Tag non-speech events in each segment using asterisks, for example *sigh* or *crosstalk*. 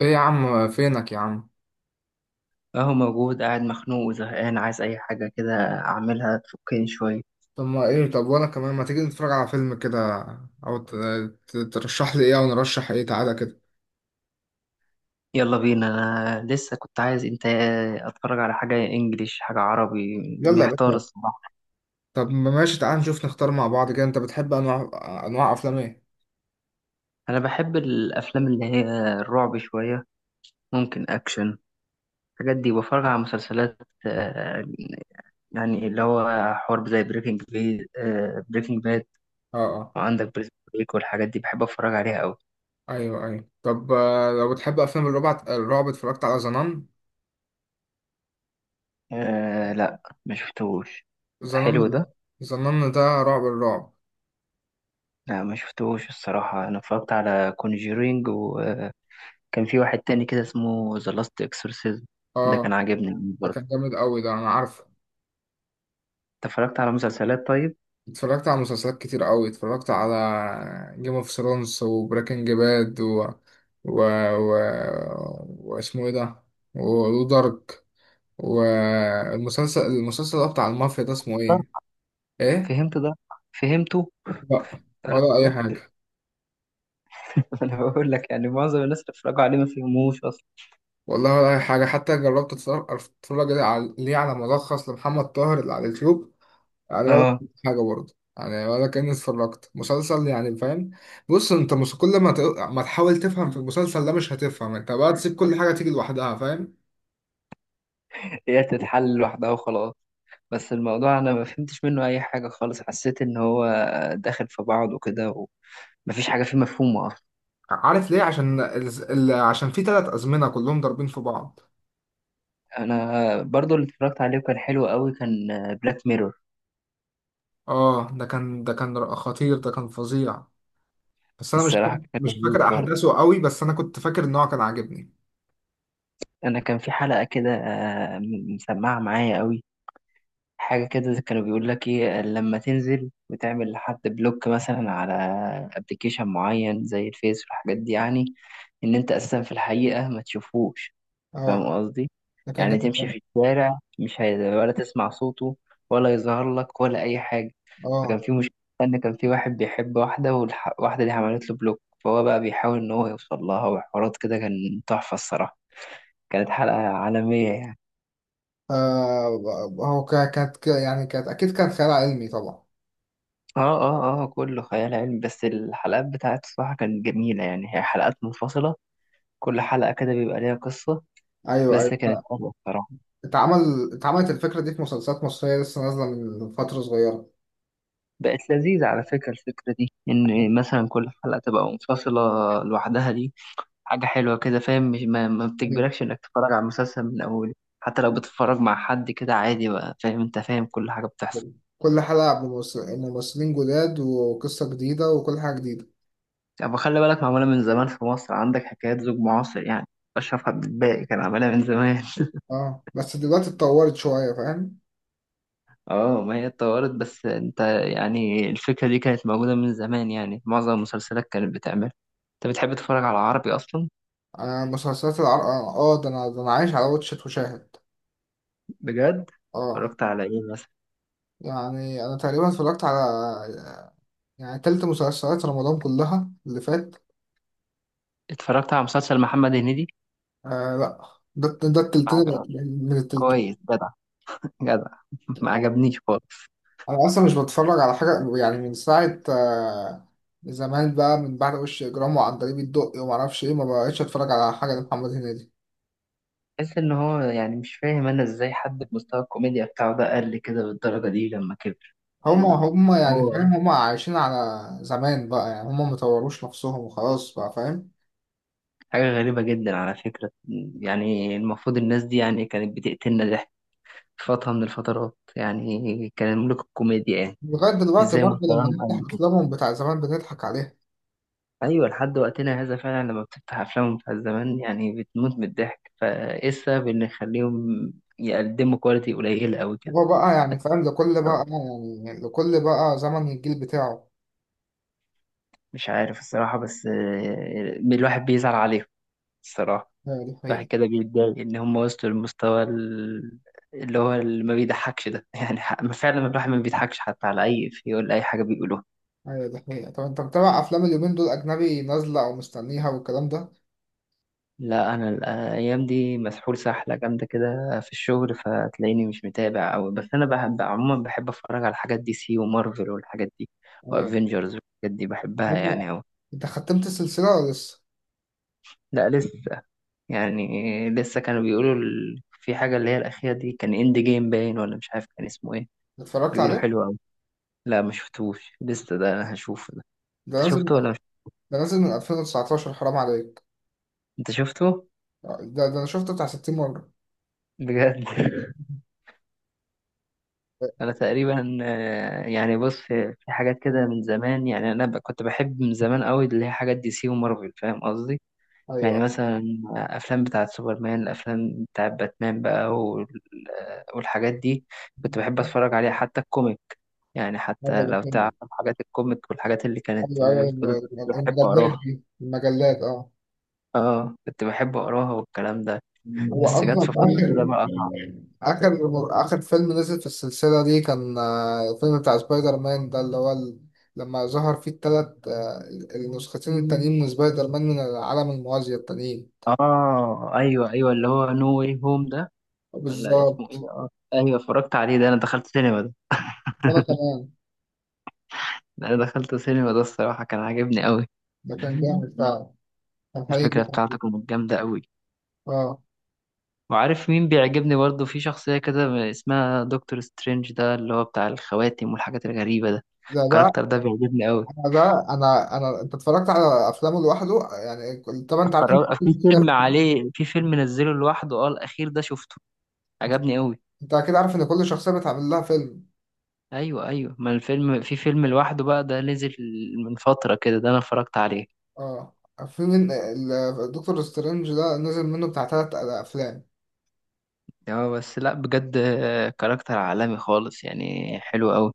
ايه يا عم، فينك يا عم؟ اهو موجود قاعد مخنوق وزهقان عايز اي حاجة كده، اعملها تفكني شوية. طب ما ايه، طب وانا كمان، ما تيجي نتفرج على فيلم كده؟ او ترشح لي ايه، او نرشح ايه؟ تعالى كده. يلا بينا. انا لسه كنت عايز انت اتفرج على حاجة انجليش حاجة عربي. يلا يا محتار باشا. الصراحة. طب ما ماشي، تعالى نشوف نختار مع بعض كده. انت بتحب انواع افلام ايه؟ انا بحب الافلام اللي هي الرعب شوية، ممكن اكشن، الحاجات دي. بفرج على مسلسلات، آه، يعني اللي هو حرب زي بريكنج بي آه، بريكنج باد. اه اه. وعندك بريزون بريك والحاجات دي بحب اتفرج عليها قوي. ايوه ايوه، طب لو بتحب افلام الرعب، اتفرجت على زنان؟ أه لا، ما شفتهوش. ده زنان، حلو ده. زنان ده الرعب. لا، ما شفتوش الصراحة. أنا اتفرجت على كونجيرينج، وكان في واحد تاني كده اسمه ذا لاست اكسورسيزم. ده اه، كان عاجبني ده كان برضه. جامد قوي ده، انا عارفه. أنت اتفرجت على مسلسلات طيب؟ اتفرجت على مسلسلات كتير قوي، اتفرجت على جيم اوف ثرونز وبريكنج باد و... و واسمه ايه ده، ودارك، والمسلسل المسلسل ده بتاع المافيا ده اسمه ايه؟ ده ايه؟ فهمت ده، فهمته. لا، ولا اي لا. حاجه. *laughs* أنا بقول لك، يعني معظم الناس اللي اتفرجوا عليه ما فهموش أصلا. والله ولا اي حاجه، حتى جربت اتفرج اتفرج على- ليه على ملخص لمحمد طاهر اللي على اليوتيوب، يعني ولا اه، حاجة برضه، يعني ولا كأني اتفرجت مسلسل، يعني فاهم. بص انت مس- كل ما ت... ما تحاول تفهم في المسلسل ده، مش هتفهم. انت بقى تسيب كل حاجة تيجي لوحدها، فاهم. هي تتحل لوحدها وخلاص. بس الموضوع أنا ما فهمتش منه أي حاجة خالص، حسيت إن هو داخل في بعض وكده، ومفيش حاجة فيه مفهومة أصلا. عارف ليه؟ عشان عشان في ثلاث أزمنة كلهم ضاربين في بعض. أنا برضه اللي اتفرجت عليه وكان حلو قوي كان بلاك ميرور. اه ده كان خطير، ده كان فظيع. بس انا الصراحة كان مش لذيذ فاكر برضه. احداثه قوي، بس انا كنت فاكر ان هو كان عاجبني. أنا كان في حلقة كده، مسمعة معايا قوي. حاجة كده كانوا بيقول لك إيه، لما تنزل وتعمل لحد بلوك مثلا على أبلكيشن معين زي الفيس والحاجات دي يعني، إن أنت أساسا في الحقيقة ما تشوفوش. اه فاهم قصدي؟ ده كان يعني جامد تمشي أوي. في الشارع، مش هي... ولا تسمع صوته ولا يظهر لك ولا أي حاجة. فكان اه، في مشكلة إن كان في واحد بيحب واحدة، والواحدة دي عملت له بلوك، فهو بقى بيحاول إن هو يوصل لها وحوارات كده. كان تحفة الصراحة. كانت حلقة عالمية يعني. آه، هو يعني كانت اكيد كانت خيال علمي طبعا. اه اه اه، كله خيال علمي، بس الحلقات بتاعت الصراحة كانت جميلة، يعني هي حلقات منفصلة، كل حلقة كده بيبقى ليها قصة. ايوه بس كانت ايوه. حلوة الصراحة. اتعملت الفكرة دي في مسلسلات مصرية لسه نازلة من فترة صغيرة. بقت لذيذة على فكرة، الفكرة دي إن مثلا كل حلقة تبقى منفصلة لوحدها دي، حاجة حلوة كده. فاهم مش- ما بتجبركش إنك تتفرج على المسلسل من أوله. حتى لو بتتفرج مع حد كده عادي بقى، فاهم أنت فاهم كل حاجة بتحصل. كل حلقة بممثلين جداد وقصة جديدة وكل حاجة جديدة. يعني خلي بالك، معمولة من زمان في مصر، عندك حكايات زوج معاصر يعني. أشرف عبد الباقي كان عاملها من زمان. اه، بس دلوقتي اتطورت شوية، فاهم. اه ما هي اتطورت، بس انت يعني الفكرة دي كانت موجودة من زمان، يعني معظم المسلسلات كانت بتعمل. انت بتحب تتفرج على عربي اصلا؟ آه، مسلسلات العرب، اه، ده انا، عايش على واتشت وشاهد. بجد. اه، اتفرجت على ايه مثلا؟ يعني انا تقريبا اتفرجت على، يعني تلت مسلسلات رمضان كلها اللي فات. اتفرجت على مسلسل محمد هنيدي؟ آه لا، ده ما التلتين، عجب- من التلتين. كويس جدع جدع. *laughs* ما عجبنيش خالص. انا اصلا مش بتفرج على حاجه يعني من ساعه، زمان بقى، من بعد وش اجرام وعن طريق الدقي وما اعرفش ايه، ما بقتش اتفرج على حاجه لمحمد هنيدي. بحس ان هو يعني مش فاهم، انا ازاي حد بمستوى الكوميديا بتاعه ده قل كده بالدرجة دي لما كبر. هما يعني هما يعني هو فاهم، هما عايشين على زمان بقى، يعني هما مطوروش نفسهم وخلاص بقى، فاهم. حاجة غريبة جدا على فكرة. يعني المفروض الناس دي يعني كانت بتقتلنا ضحك فترة من الفترات، يعني كان ملوك الكوميديا يعني. لغايه دلوقتي ازاي برضه، لما مستواهم نفتح قد كده؟ افلامهم بتاع زمان بنضحك عليها. أيوة، لحد وقتنا هذا فعلا لما بتفتح أفلامهم بتاع زمان يعني بتموت من الضحك، فإيه السبب إن يخليهم يقدموا كواليتي قليلة أوي كده؟ هو بقى يعني فاهم، لكل بقى، الصراحة يعني لكل بقى زمن الجيل بتاعه. مش عارف الصراحة، بس الواحد بيزعل عليهم الصراحة. ايوه دي الواحد حقيقة. كده بيتضايق إن هم وصلوا للمستوى، اللي هو اللي ما بيضحكش ده. *laughs* يعني فعلا الواحد ما بيضحكش حتى على أي إفيه ولا أي حاجة بيقولوها. ايوه دي حقيقة. طب انت متابع افلام اليومين دول، اجنبي نازلة او مستنيها والكلام ده؟ لا، انا الايام دي مسحول سحله جامده كده في الشغل، فتلاقيني مش متابع أوي، بس انا بحب عموما، بحب اتفرج على حاجات دي سي ومارفل والحاجات دي أيوة. وافنجرز والحاجات دي، بحبها هو- يعني أوي. انت ختمت السلسلة ولا لسه؟ لا لسه. يعني لسه كانوا بيقولوا، في حاجه اللي هي الاخيره دي كان اند جيم، باين ولا مش عارف كان اسمه ايه. اتفرجت بيقولوا عليه؟ حلو أوي. لا، ما شفتوش لسه، ده انا هشوفه ده. ده انت نازل من- شفته ولا مش... ده نازل من 2019، حرام عليك. انت شفته ده ده انا شفته بتاع 60 مرة. بجد؟ *laughs* انا تقريبا، يعني بص، في حاجات كده من زمان، يعني انا كنت بحب من زمان قوي اللي هي حاجات دي سي ومارفل، فاهم قصدي؟ يعني ايوه مثلا افلام بتاعه سوبرمان، الافلام بتاعه باتمان بقى والحاجات دي كنت بحب اتفرج عليها. حتى الكوميك، يعني ايوه، حتى لو الاتنين. تعرف حاجات الكوميك والحاجات اللي كانت ايوه ايوه، اللي كنت بحب المجلات اقراها. دي، المجلات، اه. اه، كنت بحب اقراها والكلام ده، هو بس جت اصلا في فترة كده بقى قطع. اخر، اخر فيلم نزل في السلسله دي كان، الفيلم بتاع سبايدر مان ده، اللي هو ال، لما ظهر فيه التلات، النسختين التانيين من سبايدر مان من العالم الموازي التانيين. اه ايوه ايوه، اللي هو نو واي هوم ده، ولا اسمه ايه؟ بالظبط. اه ايوه، اتفرجت عليه ده، انا دخلت سينما ده. وانا *laughs* كمان. انا دخلت سينما ده. الصراحه كان عاجبني قوي. ده كان جامد فعلا، الحقيقي الفكره بتاعته جدا. كانت جامده قوي. اه. وعارف مين بيعجبني برضه؟ في شخصيه كده اسمها دكتور سترينج ده، اللي هو بتاع الخواتم والحاجات الغريبه ده. ده ده الكاركتر ده بيعجبني قوي. انا ده انا انا انت اتفرجت على افلامه لوحده يعني طبعا انت عارف إن اتفرج كل في فيلم شخصية. عليه، في فيلم نزله لوحده، اه الاخير ده شفته، انت عجبني قوي. انت اكيد عارف ان كل شخصيه بتعمل لها فيلم. ايوه ايوه، ما الفيلم في فيلم لوحده بقى، ده نزل من فتره كده، ده انا اتفرجت عليه. اه، في من الدكتور سترينج ده، نزل منه بتاع ثلاث اه بس لا بجد، كاركتر عالمي خالص يعني، حلو افلام. قوي.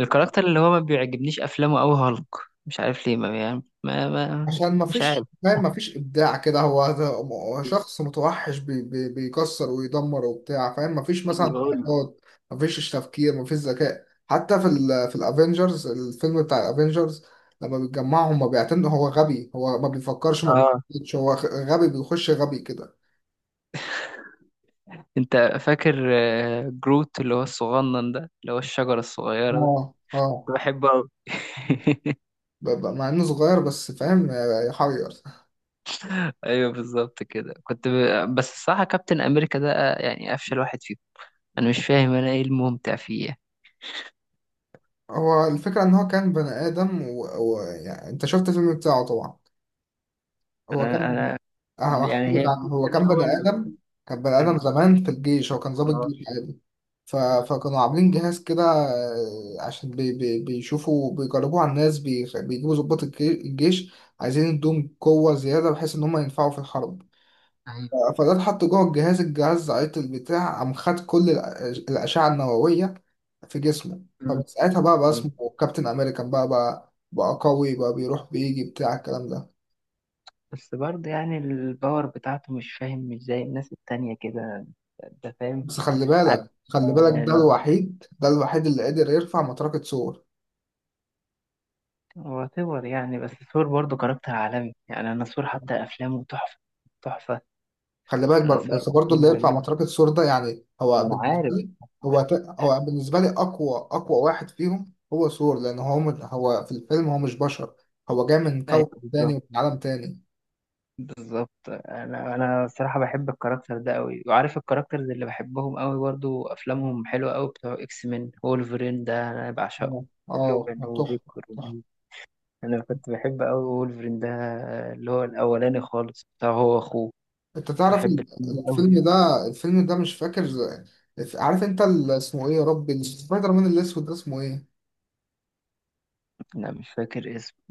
الكاركتر اللي هو ما بيعجبنيش افلامه قوي هالك. مش عارف ليه، ما يعني ما. عشان ما مش فيش، عارف، فاهم، ما فيش ابداع كده، هو شخص متوحش، بي بي بيكسر ويدمر وبتاع، فاهم، ما فيش مثلا أنا بقول لك. حركات، ما فيش تفكير، ما فيش ذكاء. حتى في ال، في الافينجرز، الفيلم بتاع الافينجرز لما بيتجمعهم ما بيعتمدوا، هو غبي، هو ما بيفكرش، ما اه. بيخش، هو غبي، بيخش غبي كده. انت فاكر جروت، اللي هو الصغنن ده، اللي هو الشجرة الصغيرة ده؟ اه اه. كنت بحبه قوي. *laughs* مع انه صغير بس، فاهم، يحير. ايوه بالظبط كده بس الصراحة كابتن امريكا ده، يعني افشل واحد فيهم. انا مش فاهم، انا ايه الممتع فيه يعني. هو الفكرة ان هو كان بني ادم و يعني انت شفت الفيلم بتاعه طبعا. هو انا كان، انا يعني هحكي لك هي عنه. الفكرة هو ان كان هو بني آدم، كان بني آدم ال- زمان في الجيش، هو كان ضابط آه. جيش عادي. فكانوا عاملين جهاز كده، عشان بيشوفوا، بيجربوه على الناس، بيجيبوا ضباط الجيش عايزين يدوهم قوة زيادة، بحيث إن هم ينفعوا في الحرب. فده اتحط جوه الجهاز، عيط البتاع، قام خد كل الأشعة النووية في جسمه. مم. فمن ساعتها بقى، اسمه كابتن أمريكان، بقى بقى بقى قوي بقى، بيروح بيجي بتاع الكلام ده. بس برضه يعني الباور بتاعته مش فاهم، مش زي الناس التانية كده، انت فاهم؟ بس خلي عارف. بالك، ده الوحيد، ده الوحيد اللي قدر يرفع مطرقة سور. هو ثور يعني، بس ثور برضه كاركتر عالمي يعني، انا ثور حتى افلامه تحفة تحفة. خلي بالك انا ثور بس برضه اللي افلامه يرفع جميل، مطرقة سور ده، يعني هو ما انا بالنسبة عارف. لي، هو ت- هو بالنسبة لي أقوى، أقوى واحد فيهم هو سور، لأن هو، من هو في الفيلم، هو مش بشر، هو جاي من ايوه كوكب تاني بالظبط ومن عالم تاني. بالظبط، انا الصراحة بحب الكاركتر ده قوي. وعارف الكاركترز اللي بحبهم قوي برضه، افلامهم حلوة قوي، بتوع اكس مين، وولفرين ده انا بعشقه، اه لوجان تحفة، وفيكتور. تحفة. انا كنت بحب قوي وولفرين ده، اللي هو الاولاني خالص بتاع هو اخوه. أنت كنت تعرف بحب الفيلم ده قوي. الفيلم ده، الفيلم ده مش فاكر. عارف أنت اسمه إيه يا ربي، سبايدر مان الأسود ده اسمه إيه؟ لا مش فاكر اسمه.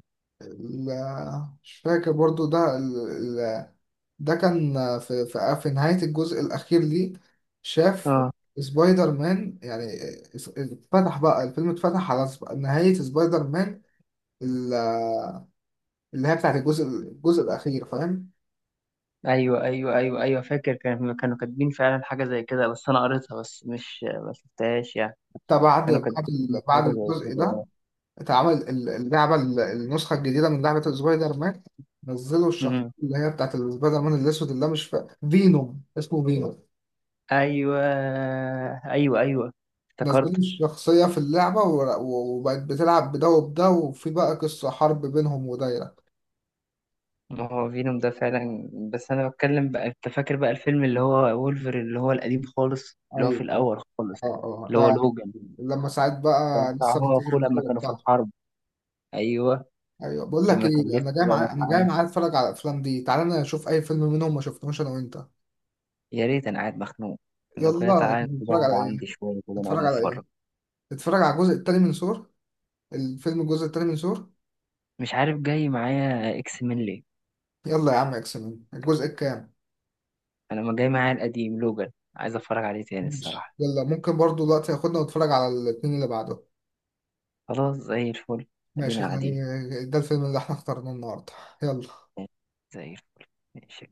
لا مش فاكر برضو ال- ده كان، في، نهاية الجزء الأخير ليه، شاف اه سبايدر مان يعني، اتفتح بقى الفيلم، اتفتح على نهاية سبايدر مان ال- اللي هي بتاعت الجزء الأخير، فاهم؟ ايوه ايوه ايوه ايوه فاكر، كانوا كاتبين فعلا حاجه زي كده، بس انا قريتها بس مش ما شفتهاش يعني. حتى كانوا بعد كاتبين حاجه بعد زي الجزء كده ده، يعني. اتعمل اللعبة النسخة الجديدة من لعبة سبايدر مان. نزلوا الشخصية امم. اللي هي بتاعت سبايدر مان الأسود، اللي هي مش فينوم، اسمه فينوم. ايوه ايوه ايوه، نازلين افتكرت. الشخصية في اللعبة و وبقت بتلعب بده وبده، وفي بقى قصة حرب بينهم ودايرة. ما هو فينوم ده فعلا، بس انا بتكلم بقى، انت فاكر بقى الفيلم اللي هو وولفر اللي هو القديم خالص اللي هو في أيوة أيوة. الاول خالص، أه أه، اللي هو ده لوجان، لما ساعات كان بقى بتاع لسه هو بنتجه اخوه لما الكورة كانوا في بتاعته. الحرب. ايوه. أيوة، بقول لك لما كان إيه، لسه بقى مدح أنا جاي عندي. معايا أتفرج على الأفلام دي، تعالى نشوف أي فيلم منهم ما شفناهوش، أنا وأنت. يا ريت، انا قاعد مخنوق، لو كده يلا، تعالى نتفرج نقعد على إيه؟ عندي شويه كده، نتفرج نقعد على نتفرج. إيه؟ نتفرج على الجزء التاني من سور، الجزء التاني من سور. مش عارف، جاي معايا اكس من ليه. يلا يا عم، إكس مان الجزء الكام؟ انا ما جاي معايا، القديم لوجان عايز اتفرج عليه تاني ماشي، الصراحه. يلا، ممكن برضو دلوقتي ياخدنا ونتفرج على الاتنين اللي بعده. خلاص، زي الفل. ماشي، ادينا قاعدين. يعني ده الفيلم اللي احنا اخترناه النهارده. يلا. زي الفل. ماشي.